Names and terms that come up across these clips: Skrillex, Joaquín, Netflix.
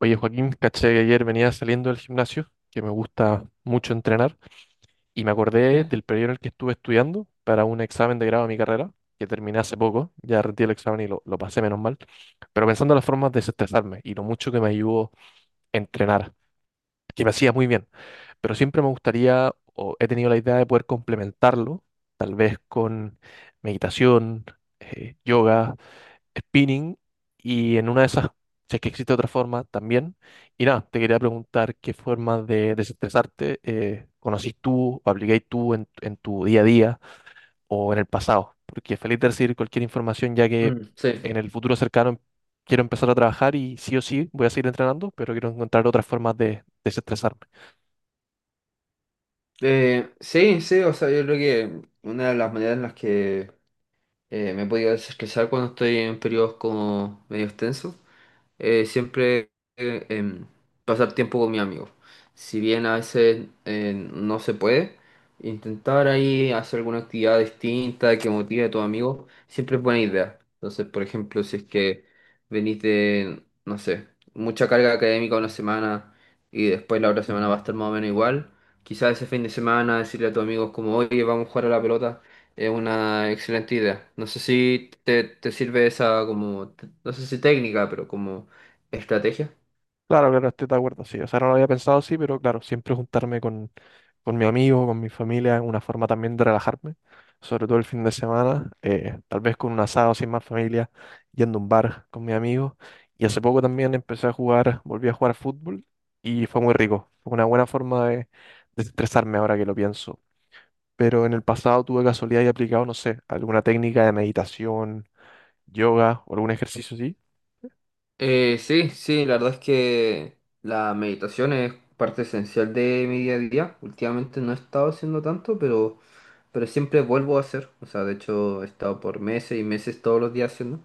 Oye, Joaquín, caché que ayer venía saliendo del gimnasio, que me gusta mucho entrenar, y me Sí. acordé del periodo en el que estuve estudiando para un examen de grado de mi carrera, que terminé hace poco, ya rendí el examen y lo pasé menos mal, pero pensando en las formas de desestresarme y lo mucho que me ayudó entrenar, que me hacía muy bien, pero siempre me gustaría, o he tenido la idea de poder complementarlo, tal vez con meditación, yoga, spinning, y en una de esas, si es que existe otra forma también. Y nada, te quería preguntar qué formas de desestresarte conocís tú o aplicáis tú en tu día a día o en el pasado. Porque feliz de recibir cualquier información ya que Mm, sí. en el futuro cercano quiero empezar a trabajar y sí o sí voy a seguir entrenando, pero quiero encontrar otras formas de desestresarme. Sí, sí, o sea, yo creo que una de las maneras en las que me he podido desestresar cuando estoy en periodos como medio extensos, siempre pasar tiempo con mi amigos. Si bien a veces no se puede, intentar ahí hacer alguna actividad distinta que motive a tus amigos siempre es buena idea. Entonces, por ejemplo, si es que venís de, no sé, mucha carga académica una semana y después la otra semana va a estar más o menos igual, quizás ese fin de semana decirle a tus amigos como, oye, vamos a jugar a la pelota. Es una excelente idea. No sé si te sirve esa como, no sé, si técnica, pero como, ¿estrategia? Claro, claro, estoy de acuerdo, sí. O sea, no lo había pensado así, pero claro, siempre juntarme con mi amigo, con mi familia, una forma también de relajarme, sobre todo el fin de semana, tal vez con un asado sin más familia, yendo a un bar con mi amigo. Y hace poco también empecé a jugar, volví a jugar fútbol y fue muy rico. Fue una buena forma de desestresarme ahora que lo pienso. Pero en el pasado tuve casualidad y aplicado, no sé, alguna técnica de meditación, yoga o algún ejercicio así. Sí, sí, la verdad es que la meditación es parte esencial de mi día a día. Últimamente no he estado haciendo tanto, pero siempre vuelvo a hacer. O sea, de hecho, he estado por meses y meses todos los días haciendo.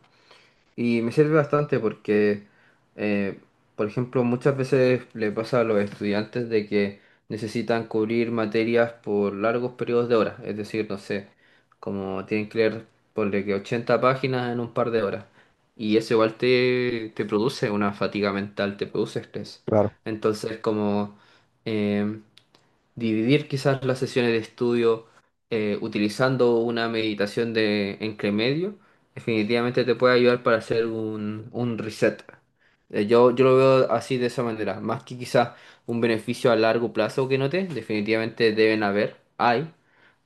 Y me sirve bastante porque, eh, por ejemplo, muchas veces le pasa a los estudiantes de que necesitan cubrir materias por largos periodos de horas. Es decir, no sé, como tienen que leer, ponle que 80 páginas en un par de horas. Y eso igual te produce una fatiga mental, te produce estrés. Claro. Entonces, como em, dividir quizás las sesiones de estudio utilizando una meditación de entre medio, definitivamente te puede ayudar para hacer un reset. Yo lo veo así de esa manera, más que quizás un beneficio a largo plazo que note, definitivamente deben haber, hay.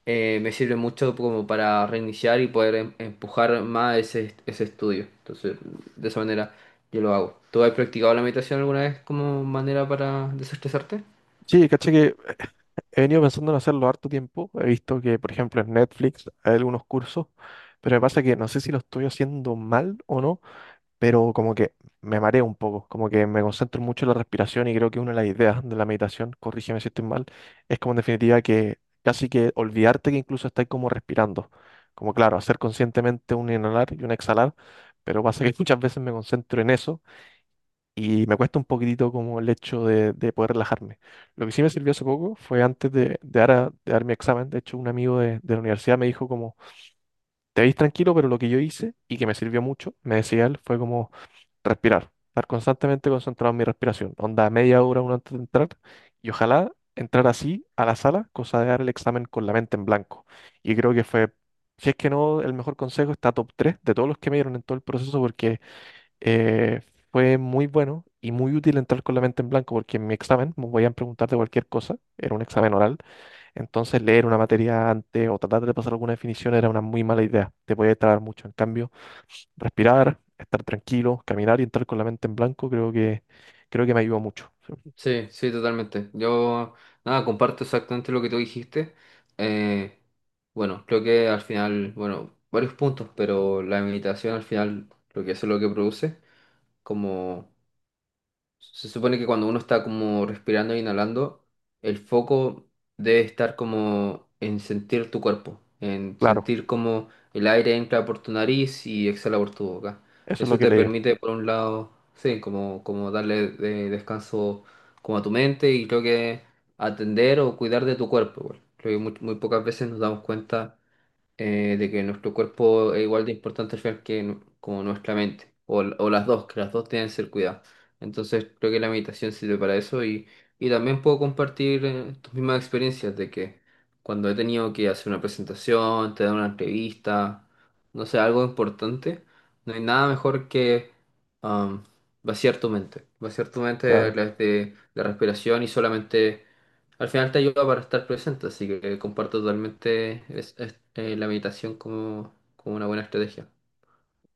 Me sirve mucho como para reiniciar y poder empujar más ese estudio. Entonces, de esa manera yo lo hago. ¿Tú has practicado la meditación alguna vez como manera para desestresarte? Sí, caché que he venido pensando en hacerlo harto tiempo. He visto que, por ejemplo, en Netflix hay algunos cursos, pero me pasa que no sé si lo estoy haciendo mal o no, pero como que me mareo un poco, como que me concentro mucho en la respiración y creo que una de las ideas de la meditación, corrígeme si estoy mal, es como en definitiva que casi que olvidarte que incluso estás como respirando. Como claro, hacer conscientemente un inhalar y un exhalar, pero pasa que muchas veces me concentro en eso y me cuesta un poquitito como el hecho de poder relajarme. Lo que sí me sirvió hace poco fue antes de dar, de dar mi examen. De hecho, un amigo de la universidad me dijo como, te veis tranquilo, pero lo que yo hice y que me sirvió mucho, me decía él, fue como respirar, estar constantemente concentrado en mi respiración. Onda media hora uno antes de entrar y ojalá entrar así a la sala, cosa de dar el examen con la mente en blanco. Y creo que fue... Si es que no, el mejor consejo está top 3 de todos los que me dieron en todo el proceso, porque eh, fue muy bueno y muy útil entrar con la mente en blanco porque en mi examen me podían preguntar de cualquier cosa, era un examen oral, entonces leer una materia antes o tratar de pasar alguna definición era una muy mala idea, te podía trabar mucho. En cambio, respirar, estar tranquilo, caminar y entrar con la mente en blanco creo que me ayudó mucho. Sí, Sí, sí, totalmente. Yo, nada, comparto exactamente lo que tú dijiste. Eh, bueno, creo que al final, bueno, varios puntos, pero la meditación al final, lo que hace, lo que produce, como, se supone que cuando uno está como respirando e inhalando, el foco debe estar como en sentir tu cuerpo, en claro, sentir como el aire entra por tu nariz y exhala por tu boca. eso es lo Eso que te le digo, permite, por un lado, sí, como darle descanso como a tu mente, y creo que atender o cuidar de tu cuerpo, igual. Creo que muy, muy pocas veces nos damos cuenta, de que nuestro cuerpo es igual de importante al final que como nuestra mente, o, o las dos, que las dos tienen que ser cuidadas. Entonces creo que la meditación sirve para eso, y también puedo compartir, tus mismas experiencias de que cuando he tenido que hacer una presentación, te dar una entrevista, no sé, algo importante, no hay nada mejor que am, vaciar tu mente a claro. través de la respiración, y solamente al final te ayuda para estar presente. Así que comparto totalmente la meditación como una buena estrategia.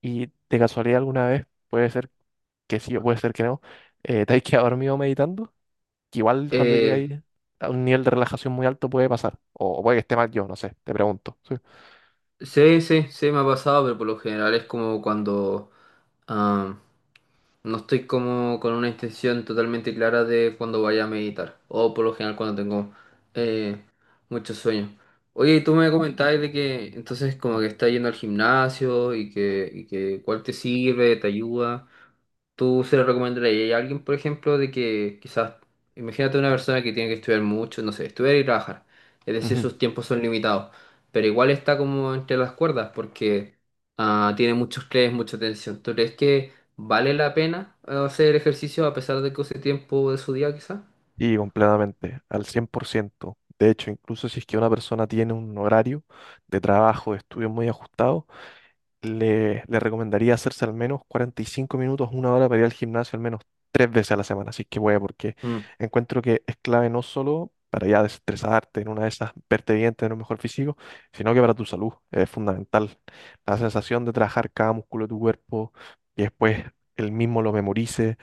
¿Y de casualidad alguna vez puede ser que sí o puede ser que no? ¿Te has quedado dormido meditando? Que igual cuando Eh, llegáis a un nivel de relajación muy alto puede pasar. O puede que esté mal yo, no sé, te pregunto. Sí. sí, sí, sí, me ha pasado, pero por lo general es como cuando ah, no estoy como con una intención totalmente clara de cuando vaya a meditar, o por lo general cuando tengo eh, mucho sueño. Oye, y tú me comentabas de que entonces como que estás yendo al gimnasio, y que, cuál te sirve, te ayuda. ¿Tú se lo recomendarías a alguien, por ejemplo, de que quizás, imagínate una persona que tiene que estudiar mucho, no sé, estudiar y trabajar, es decir, Ujú. sus tiempos son limitados, pero igual está como entre las cuerdas porque tiene muchos estrés, mucha tensión? ¿Tú crees que vale la pena hacer ejercicio a pesar de que use tiempo de su día, quizás? Y completamente, al cien por ciento. De hecho, incluso si es que una persona tiene un horario de trabajo, de estudio muy ajustado, le recomendaría hacerse al menos 45 minutos, una hora para ir al gimnasio al menos tres veces a la semana, así que voy porque Mm. encuentro que es clave no solo para ya desestresarte en una de esas, verte bien, tener un mejor físico, sino que para tu salud es fundamental. La sensación de trabajar cada músculo de tu cuerpo y después el mismo lo memorice,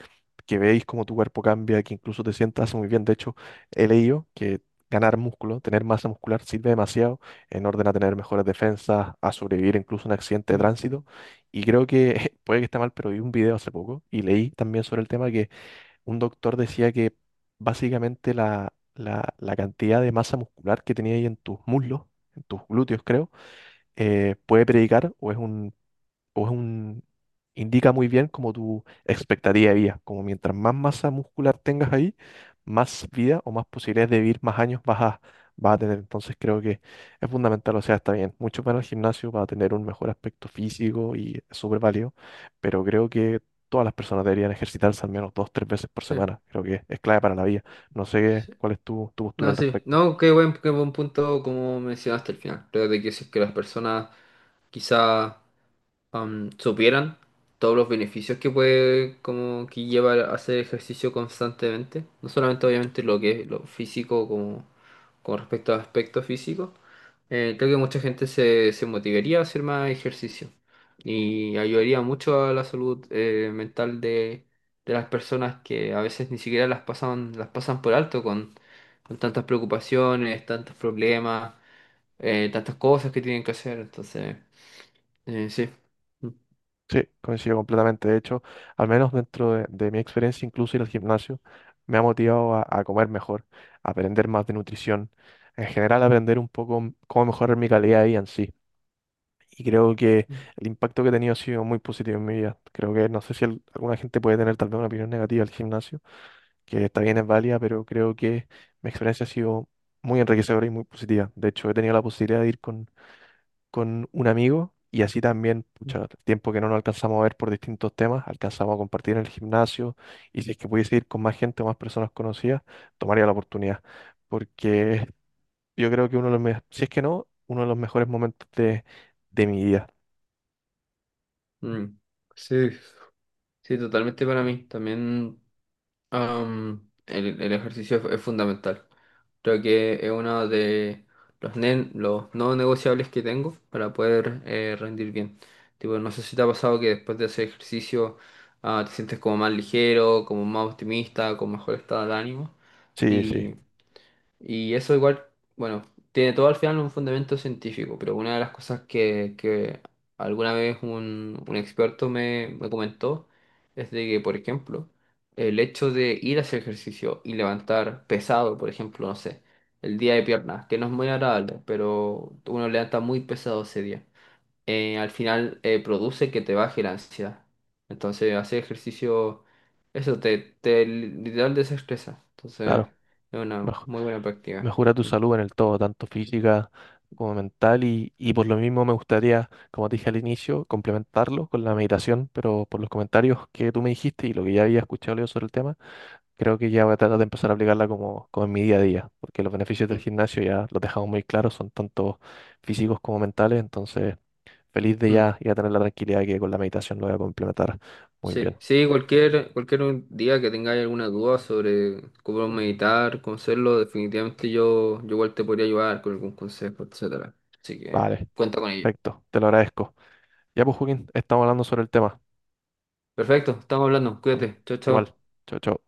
que veis cómo tu cuerpo cambia, que incluso te sientas muy bien. De hecho, he leído que ganar músculo, tener masa muscular, sirve demasiado en orden a tener mejores defensas, a sobrevivir incluso a un accidente de Mm, tránsito. Y creo que, puede que esté mal, pero vi un video hace poco y leí también sobre el tema que un doctor decía que básicamente la cantidad de masa muscular que tenía ahí en tus muslos, en tus glúteos creo, puede predicar o es un o es un, indica muy bien como tu expectativa de vida, como mientras más masa muscular tengas ahí, más vida o más posibilidades de vivir más años vas a tener. Entonces creo que es fundamental, o sea, está bien, mucho para el gimnasio para tener un mejor aspecto físico y es súper válido, pero creo que todas las personas deberían ejercitarse al menos dos, tres veces por sí, semana. Creo que es clave para la vida. No sé sí. cuál es tu postura No, al sí. respecto. No, qué buen punto como mencionaste al final. Creo de que si es que las personas quizás supieran todos los beneficios que puede, como que lleva a hacer ejercicio constantemente, no solamente obviamente lo que es lo físico, como con respecto a aspectos físicos, creo que mucha gente se motivaría a hacer más ejercicio y ayudaría mucho a la salud mental de, las personas que a veces ni siquiera las pasan por alto con tantas preocupaciones, tantos problemas, tantas cosas que tienen que hacer. Entonces, sí. Sí, coincido completamente. De hecho, al menos dentro de mi experiencia, incluso ir al gimnasio me ha motivado a comer mejor, a aprender más de nutrición, en general aprender un poco cómo mejorar mi calidad de vida en sí. Y creo que el impacto que he tenido ha sido muy positivo en mi vida. Creo que no sé si alguna gente puede tener tal vez una opinión negativa al gimnasio, que está bien, es válida, pero creo que mi experiencia ha sido muy enriquecedora y muy positiva. De hecho, he tenido la posibilidad de ir con un amigo y así también, pucha, el tiempo que no nos alcanzamos a ver por distintos temas, alcanzamos a compartir en el gimnasio y si es que pudiese ir con más gente o más personas conocidas, tomaría la oportunidad, porque yo creo que uno de los, si es que no, uno de los mejores momentos de mi vida. Mm, sí, sí, totalmente para mí. También el ejercicio es fundamental. Creo que es uno de los no negociables que tengo para poder rendir bien. Tipo, no sé si te ha pasado que después de hacer ejercicio te sientes como más ligero, como más optimista, con mejor estado de ánimo. Sí, sí, Y eso igual, bueno, tiene todo al final un fundamento científico, pero una de las cosas que alguna vez un experto me comentó es de que, por ejemplo, el hecho de ir a hacer ejercicio y levantar pesado, por ejemplo, no sé, el día de piernas, que no es muy agradable, pero uno levanta muy pesado ese día, al final produce que te baje la ansiedad. Entonces, hacer ejercicio, eso te literal desestresa. Entonces, claro, es mej- una muy buena práctica. mejora tu Mm, salud en el todo, tanto física como mental y por lo mismo me gustaría, como te dije al inicio, complementarlo con la meditación, pero por los comentarios que tú me dijiste y lo que ya había escuchado yo sobre el tema. Creo que ya voy a tratar de empezar a aplicarla como, como en mi día a día, porque los beneficios del mm, gimnasio ya los dejamos muy claros, son tanto físicos como mentales, entonces feliz de mm. ya, ya tener la tranquilidad que con la meditación lo voy a complementar muy Sí, bien. sí, cualquier un día que tengáis alguna duda sobre cómo meditar, cómo hacerlo, definitivamente yo igual te podría ayudar con algún consejo, etcétera. Así que Vale, cuenta con ello. perfecto, te lo agradezco. Ya pues, Joaquín, estamos hablando sobre el tema. Perfecto, estamos hablando. Bueno, Cuídate. Chao, igual, chao. chao, chao.